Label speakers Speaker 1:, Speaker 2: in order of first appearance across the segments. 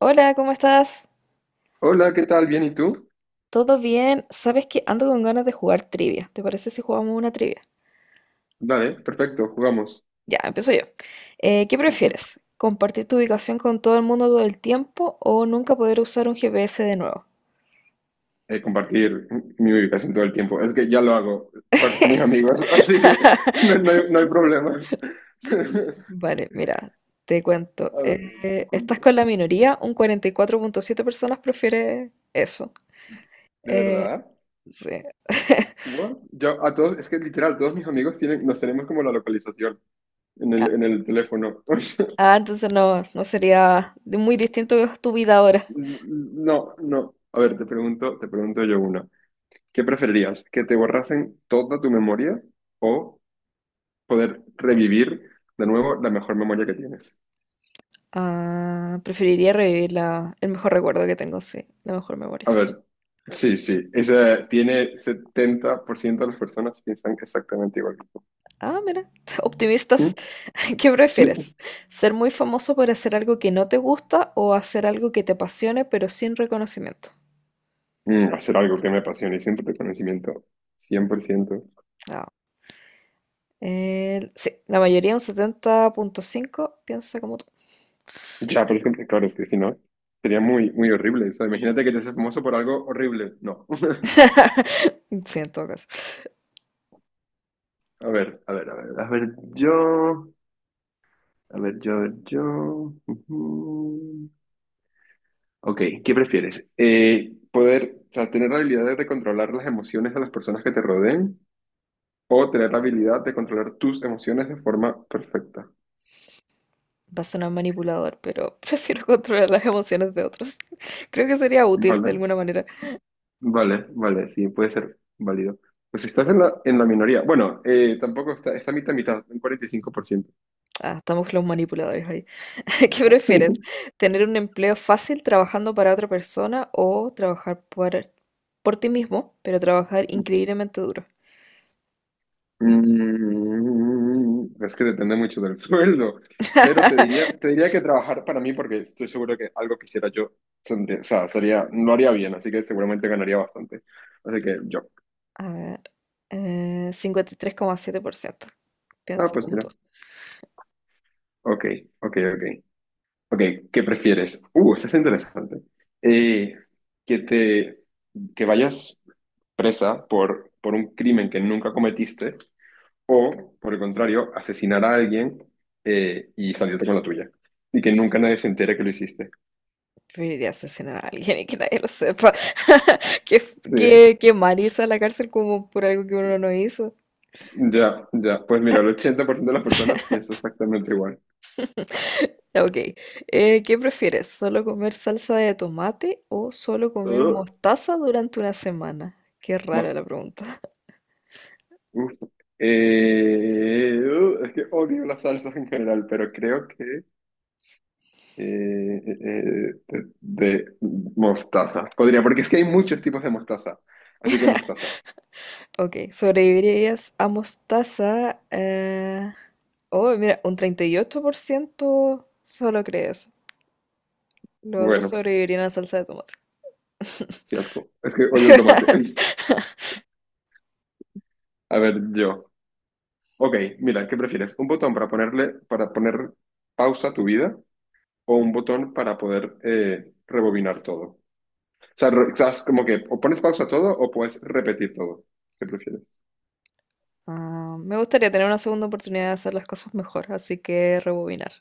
Speaker 1: Hola, ¿cómo estás?
Speaker 2: Hola, ¿qué tal? ¿Bien y tú?
Speaker 1: ¿Todo bien? ¿Sabes que ando con ganas de jugar trivia? ¿Te parece si jugamos una trivia?
Speaker 2: Dale, perfecto, jugamos.
Speaker 1: Ya, empiezo yo. ¿Qué prefieres? ¿Compartir tu ubicación con todo el mundo todo el tiempo o nunca poder usar un GPS de nuevo?
Speaker 2: Compartir mi ubicación todo el tiempo. Es que ya lo hago con mis amigos, así que no, no hay, no hay problema.
Speaker 1: Vale, mira, te cuento.
Speaker 2: A ver,
Speaker 1: Estás con la minoría, un 44.7 personas prefiere eso.
Speaker 2: ¿De
Speaker 1: Eh,
Speaker 2: verdad?
Speaker 1: sí.
Speaker 2: What? Yo, a todos, es que literal, todos mis amigos tienen, nos tenemos como la localización
Speaker 1: Ah,
Speaker 2: en el teléfono.
Speaker 1: ah, entonces no sería muy distinto tu vida ahora.
Speaker 2: No, no. A ver, te pregunto yo una. ¿Qué preferirías? ¿Que te borrasen toda tu memoria o poder revivir de nuevo la mejor memoria que tienes?
Speaker 1: Ah, preferiría revivir el mejor recuerdo que tengo, sí, la mejor
Speaker 2: A
Speaker 1: memoria.
Speaker 2: ver, sí, sí, esa tiene 70% de las personas piensan exactamente igual que tú.
Speaker 1: Ah, mira,
Speaker 2: ¿Mm?
Speaker 1: optimistas. ¿Qué
Speaker 2: Sí.
Speaker 1: prefieres? ¿Ser muy famoso por hacer algo que no te gusta o hacer algo que te apasione pero sin reconocimiento?
Speaker 2: Hacer algo que me apasione y siempre de conocimiento, ciento.
Speaker 1: Ah, sí, la mayoría, un 70.5, piensa como tú.
Speaker 2: Ya, por ejemplo, claro, es que si no, sería muy, muy horrible. Eso imagínate que te haces famoso por algo horrible. No.
Speaker 1: Sí, en todo caso.
Speaker 2: A ver, a ver, a ver, a ver, yo, a ver, yo, a ver, yo. Ujú. Ok, ¿qué prefieres? Poder, o sea, tener la habilidad de controlar las emociones de las personas que te rodeen o tener la habilidad de controlar tus emociones de forma perfecta.
Speaker 1: Va a sonar manipulador, pero prefiero controlar las emociones de otros. Creo que sería útil de
Speaker 2: Vale,
Speaker 1: alguna manera.
Speaker 2: vale, vale, sí, puede ser válido. Pues si estás en la minoría. Bueno, tampoco está, está mitad, mitad, un 45%.
Speaker 1: Ah, estamos los manipuladores ahí. ¿Qué prefieres? ¿Tener un empleo fácil trabajando para otra persona o trabajar por ti mismo, pero trabajar increíblemente duro?
Speaker 2: Mm, es que depende mucho del sueldo, pero te diría que trabajar para mí porque estoy seguro que algo que hiciera yo, o sea, sería, lo haría bien, así que seguramente ganaría bastante. Así que yo,
Speaker 1: A ver, 53,7%
Speaker 2: ah,
Speaker 1: piensa
Speaker 2: pues
Speaker 1: como tú.
Speaker 2: mira, ok, ok, ok, ok, ¿qué prefieres? Eso es interesante. Eh, que te, que vayas presa por un crimen que nunca cometiste. O, por el contrario, asesinar a alguien y salirte con la tuya. Y que nunca nadie se entere que lo hiciste.
Speaker 1: Preferiría asesinar a alguien y que nadie lo sepa. Qué,
Speaker 2: Sí,
Speaker 1: qué mal irse a la cárcel como por algo que uno no hizo.
Speaker 2: ya, ya. Pues mira, el 80% de las personas piensa exactamente igual.
Speaker 1: Ya, ok. ¿Qué prefieres? ¿Solo comer salsa de tomate o solo comer
Speaker 2: Uh,
Speaker 1: mostaza durante una semana? Qué rara
Speaker 2: mos-
Speaker 1: la pregunta.
Speaker 2: uf. Es que odio las salsas en general, pero creo que eh, eh, de mostaza. Podría, porque es que hay muchos tipos de mostaza. Así que mostaza.
Speaker 1: Ok, sobrevivirías a mostaza. Oh, mira, un 38% solo cree eso. Los otros
Speaker 2: Bueno,
Speaker 1: sobrevivirían a la salsa de tomate.
Speaker 2: qué asco. Es que odio el tomate. A ver, yo. Ok, mira, ¿qué prefieres? ¿Un botón para ponerle, para poner pausa a tu vida o un botón para poder rebobinar todo? O sea, estás como que o pones pausa a todo o puedes repetir todo. ¿Qué prefieres?
Speaker 1: Ah, me gustaría tener una segunda oportunidad de hacer las cosas mejor, así que rebobinar.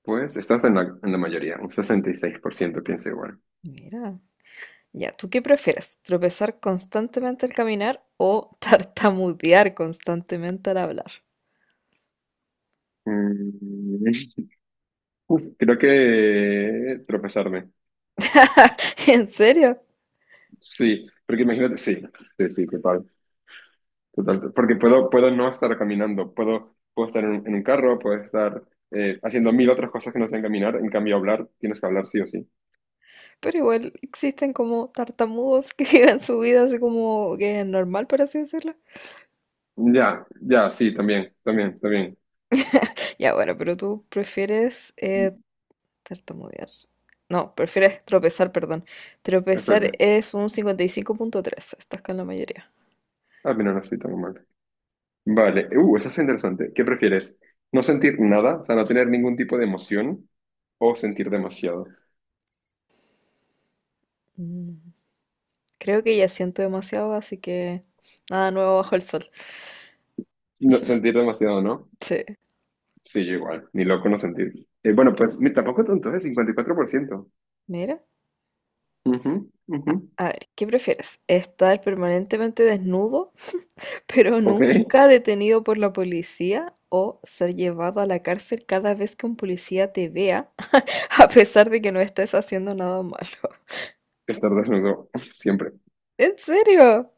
Speaker 2: Pues estás en la mayoría, un 66% piensa igual.
Speaker 1: Mira. Ya, ¿tú qué prefieres? ¿Tropezar constantemente al caminar o tartamudear constantemente al hablar?
Speaker 2: Mm, uf, creo que tropezarme.
Speaker 1: ¿En serio?
Speaker 2: Sí, porque imagínate, sí, sí, sí, total. Total, porque puedo, puedo no estar caminando, puedo, puedo estar en un carro, puedo estar haciendo mil otras cosas que no sean caminar, en cambio hablar, tienes que hablar sí o sí.
Speaker 1: Pero igual existen como tartamudos que viven su vida así como que es normal, por así decirlo.
Speaker 2: Ya, ya, sí, también, también, también.
Speaker 1: Ya, bueno, pero tú prefieres tartamudear. No, prefieres tropezar, perdón. Tropezar
Speaker 2: Exacto.
Speaker 1: es un 55.3. Estás con la mayoría.
Speaker 2: Ah, mira, no estoy tan mal. Vale, eso es interesante. ¿Qué prefieres? ¿No sentir nada, o sea, no tener ningún tipo de emoción o sentir demasiado?
Speaker 1: Mm, creo que ya siento demasiado, así que nada nuevo bajo el sol.
Speaker 2: No, sentir demasiado, ¿no?
Speaker 1: Sí.
Speaker 2: Sí, yo igual, ni loco no sentir. Bueno, pues tampoco tanto, es 54%.
Speaker 1: Mira.
Speaker 2: Ujú, ujú.
Speaker 1: A ver, ¿qué prefieres? ¿Estar permanentemente desnudo, pero
Speaker 2: Ok.
Speaker 1: nunca detenido por la policía? ¿O ser llevado a la cárcel cada vez que un policía te vea, a pesar de que no estés haciendo nada malo?
Speaker 2: Estar desnudo, siempre.
Speaker 1: ¿En serio?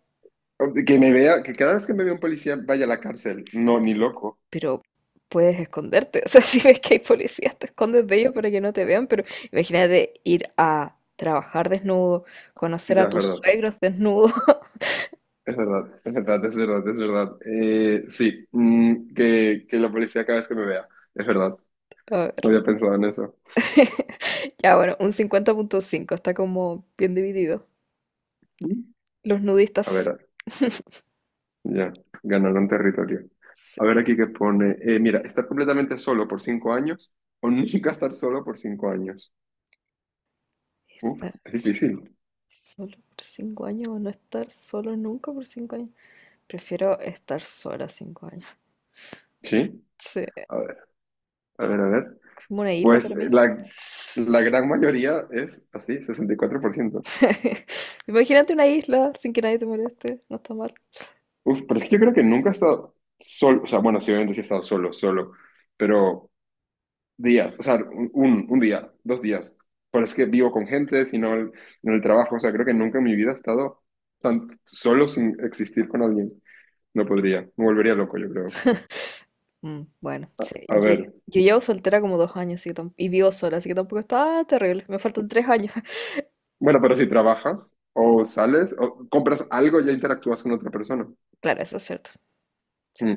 Speaker 2: Que me vea, que cada vez que me vea un policía vaya a la cárcel. No, ni loco.
Speaker 1: Pero puedes esconderte. O sea, si ves que hay policías, te escondes de ellos para que no te vean. Pero imagínate ir a trabajar desnudo, conocer
Speaker 2: Ya,
Speaker 1: a
Speaker 2: es
Speaker 1: tus
Speaker 2: verdad.
Speaker 1: suegros desnudo.
Speaker 2: Es verdad, es verdad, es verdad, es verdad. Sí, mm, que la policía cada vez que me vea. Es verdad.
Speaker 1: A ver.
Speaker 2: No había pensado en eso.
Speaker 1: Ya, bueno, un 50,5. Está como bien dividido.
Speaker 2: Mm.
Speaker 1: Los
Speaker 2: A ver,
Speaker 1: nudistas.
Speaker 2: ya, ganaron territorio.
Speaker 1: Sí,
Speaker 2: A ver aquí qué pone. Mira, estar completamente solo por 5 años o nunca estar solo por 5 años. Uf,
Speaker 1: estar
Speaker 2: es difícil.
Speaker 1: solo por 5 años o no estar solo nunca por 5 años. Prefiero estar sola 5 años.
Speaker 2: Sí.
Speaker 1: Sí,
Speaker 2: A ver, a ver, a ver.
Speaker 1: es como una isla
Speaker 2: Pues
Speaker 1: para mí.
Speaker 2: la gran mayoría es así, 64%.
Speaker 1: Imagínate una isla sin que nadie te moleste. No está mal.
Speaker 2: Uf, pero es que yo creo que nunca he estado solo, o sea, bueno, sí, obviamente sí he estado solo, solo, pero días, o sea, un, un día, dos días. Pero es que vivo con gente, en el trabajo, o sea, creo que nunca en mi vida he estado tan solo sin existir con alguien. No podría, me volvería loco, yo creo.
Speaker 1: Mm, bueno, sí.
Speaker 2: A ver,
Speaker 1: Yo llevo soltera como 2 años así que y vivo sola, así que tampoco está terrible. Me faltan 3 años.
Speaker 2: bueno, pero si trabajas o sales o compras algo, ya interactúas con otra persona.
Speaker 1: Claro, eso es cierto. Sí.
Speaker 2: Mm.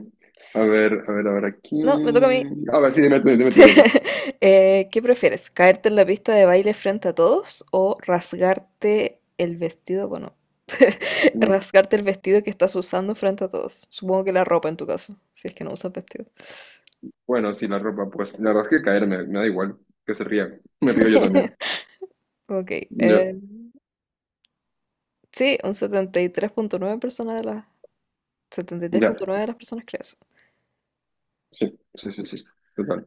Speaker 2: A ver, a ver, a ver, aquí.
Speaker 1: No, me toca a mí.
Speaker 2: A ver, sí, dime tú, dime tú, dime tú.
Speaker 1: ¿Qué prefieres? ¿Caerte en la pista de baile frente a todos o rasgarte el vestido? Bueno,
Speaker 2: Mm.
Speaker 1: rasgarte el vestido que estás usando frente a todos. Supongo que la ropa en tu caso, si es que no usas vestido.
Speaker 2: Bueno, sí, la ropa, pues la verdad es que caer me, me da igual, que se rían. Me río yo también.
Speaker 1: Ok,
Speaker 2: Ya,
Speaker 1: eh, sí, un 73,9 personas de las setenta y tres
Speaker 2: ya,
Speaker 1: punto nueve de las personas creen eso.
Speaker 2: sí, sí, sí, sí, total.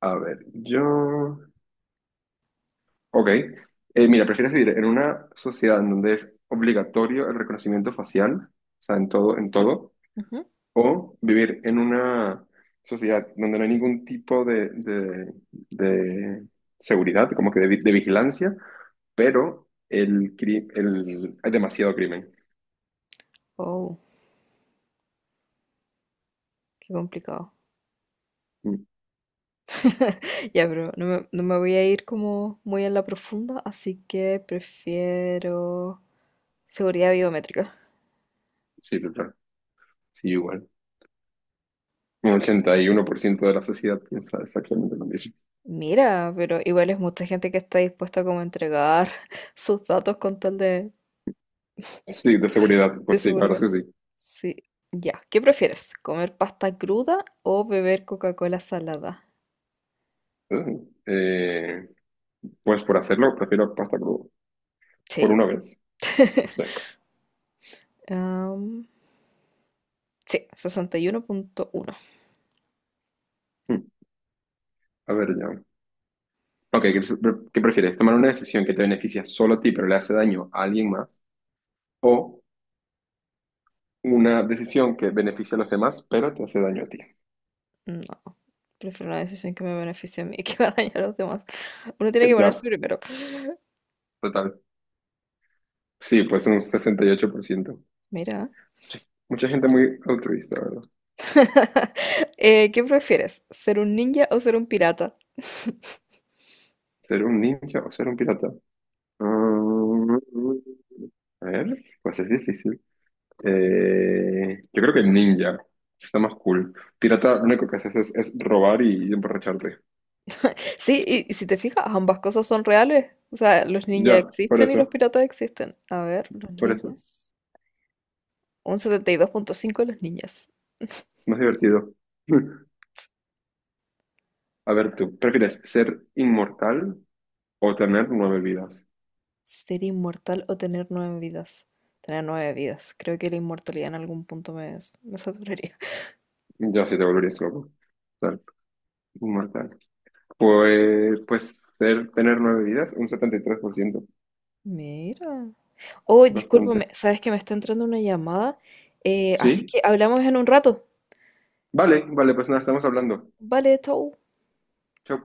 Speaker 2: A ver, yo. Ok. Mira, ¿prefieres vivir en una sociedad en donde es obligatorio el reconocimiento facial? O sea, en todo, en todo.
Speaker 1: Ujú.
Speaker 2: O vivir en una sociedad donde no hay ningún tipo de seguridad, como que de de vigilancia, pero hay demasiado crimen.
Speaker 1: Oh. Qué complicado.
Speaker 2: Mm.
Speaker 1: Ya, pero no me voy a ir como muy en la profunda, así que prefiero seguridad biométrica.
Speaker 2: Sí, total. Sí, igual. Un 81% de la sociedad piensa exactamente lo mismo.
Speaker 1: Mira, pero igual es mucha gente que está dispuesta como a entregar sus datos con tal
Speaker 2: Sí, de seguridad,
Speaker 1: de
Speaker 2: pues sí, la verdad
Speaker 1: seguridad.
Speaker 2: es que sí.
Speaker 1: Sí, ya. ¿Qué prefieres? ¿Comer pasta cruda o beber Coca-Cola salada?
Speaker 2: Eh, eh, pues por hacerlo, prefiero pasta cruda.
Speaker 1: Sí,
Speaker 2: Por
Speaker 1: yo
Speaker 2: una
Speaker 1: también.
Speaker 2: vez. Sí.
Speaker 1: Am, sí, sesenta y uno punto uno.
Speaker 2: Mm, a ver, ya. Ok, ¿qué prefieres? ¿Tomar una decisión que te beneficia solo a ti, pero le hace daño a alguien más? ¿O una decisión que beneficia a los demás, pero te hace daño a ti?
Speaker 1: No, prefiero una decisión que me beneficie a mí y que va a dañar a los demás. Uno tiene que
Speaker 2: Ya,
Speaker 1: ponerse primero.
Speaker 2: total. Sí, pues un 68%.
Speaker 1: Mira.
Speaker 2: Sí, mucha gente muy altruista, ¿verdad?
Speaker 1: ¿Qué prefieres? ¿Ser un ninja o ser un pirata?
Speaker 2: ¿Ser un ninja o ser un pirata? Mm, a ver, pues es difícil. Yo creo que ninja. Está más cool. Pirata, lo único que haces es robar y emborracharte.
Speaker 1: Sí, y si te fijas, ambas cosas son reales. O sea, los ninjas
Speaker 2: Ya, por
Speaker 1: existen y los
Speaker 2: eso,
Speaker 1: piratas existen. A ver, los
Speaker 2: por eso.
Speaker 1: ninjas. Un 72.5 de los ninjas.
Speaker 2: Es más divertido. A ver, tú, ¿prefieres ser inmortal o tener 9 vidas?
Speaker 1: ¿Ser inmortal o tener 9 vidas? Tener nueve vidas. Creo que la inmortalidad en algún punto me, me saturaría.
Speaker 2: Yo sí te volverías loco. Ser inmortal. Pues, pues ser, tener 9 vidas, un 73%.
Speaker 1: Mira. Oh, discúlpame,
Speaker 2: Bastante.
Speaker 1: sabes que me está entrando una llamada. Así
Speaker 2: Sí,
Speaker 1: que hablamos en un rato.
Speaker 2: vale, vale, pues nada, estamos hablando.
Speaker 1: Vale, chau.
Speaker 2: Chau.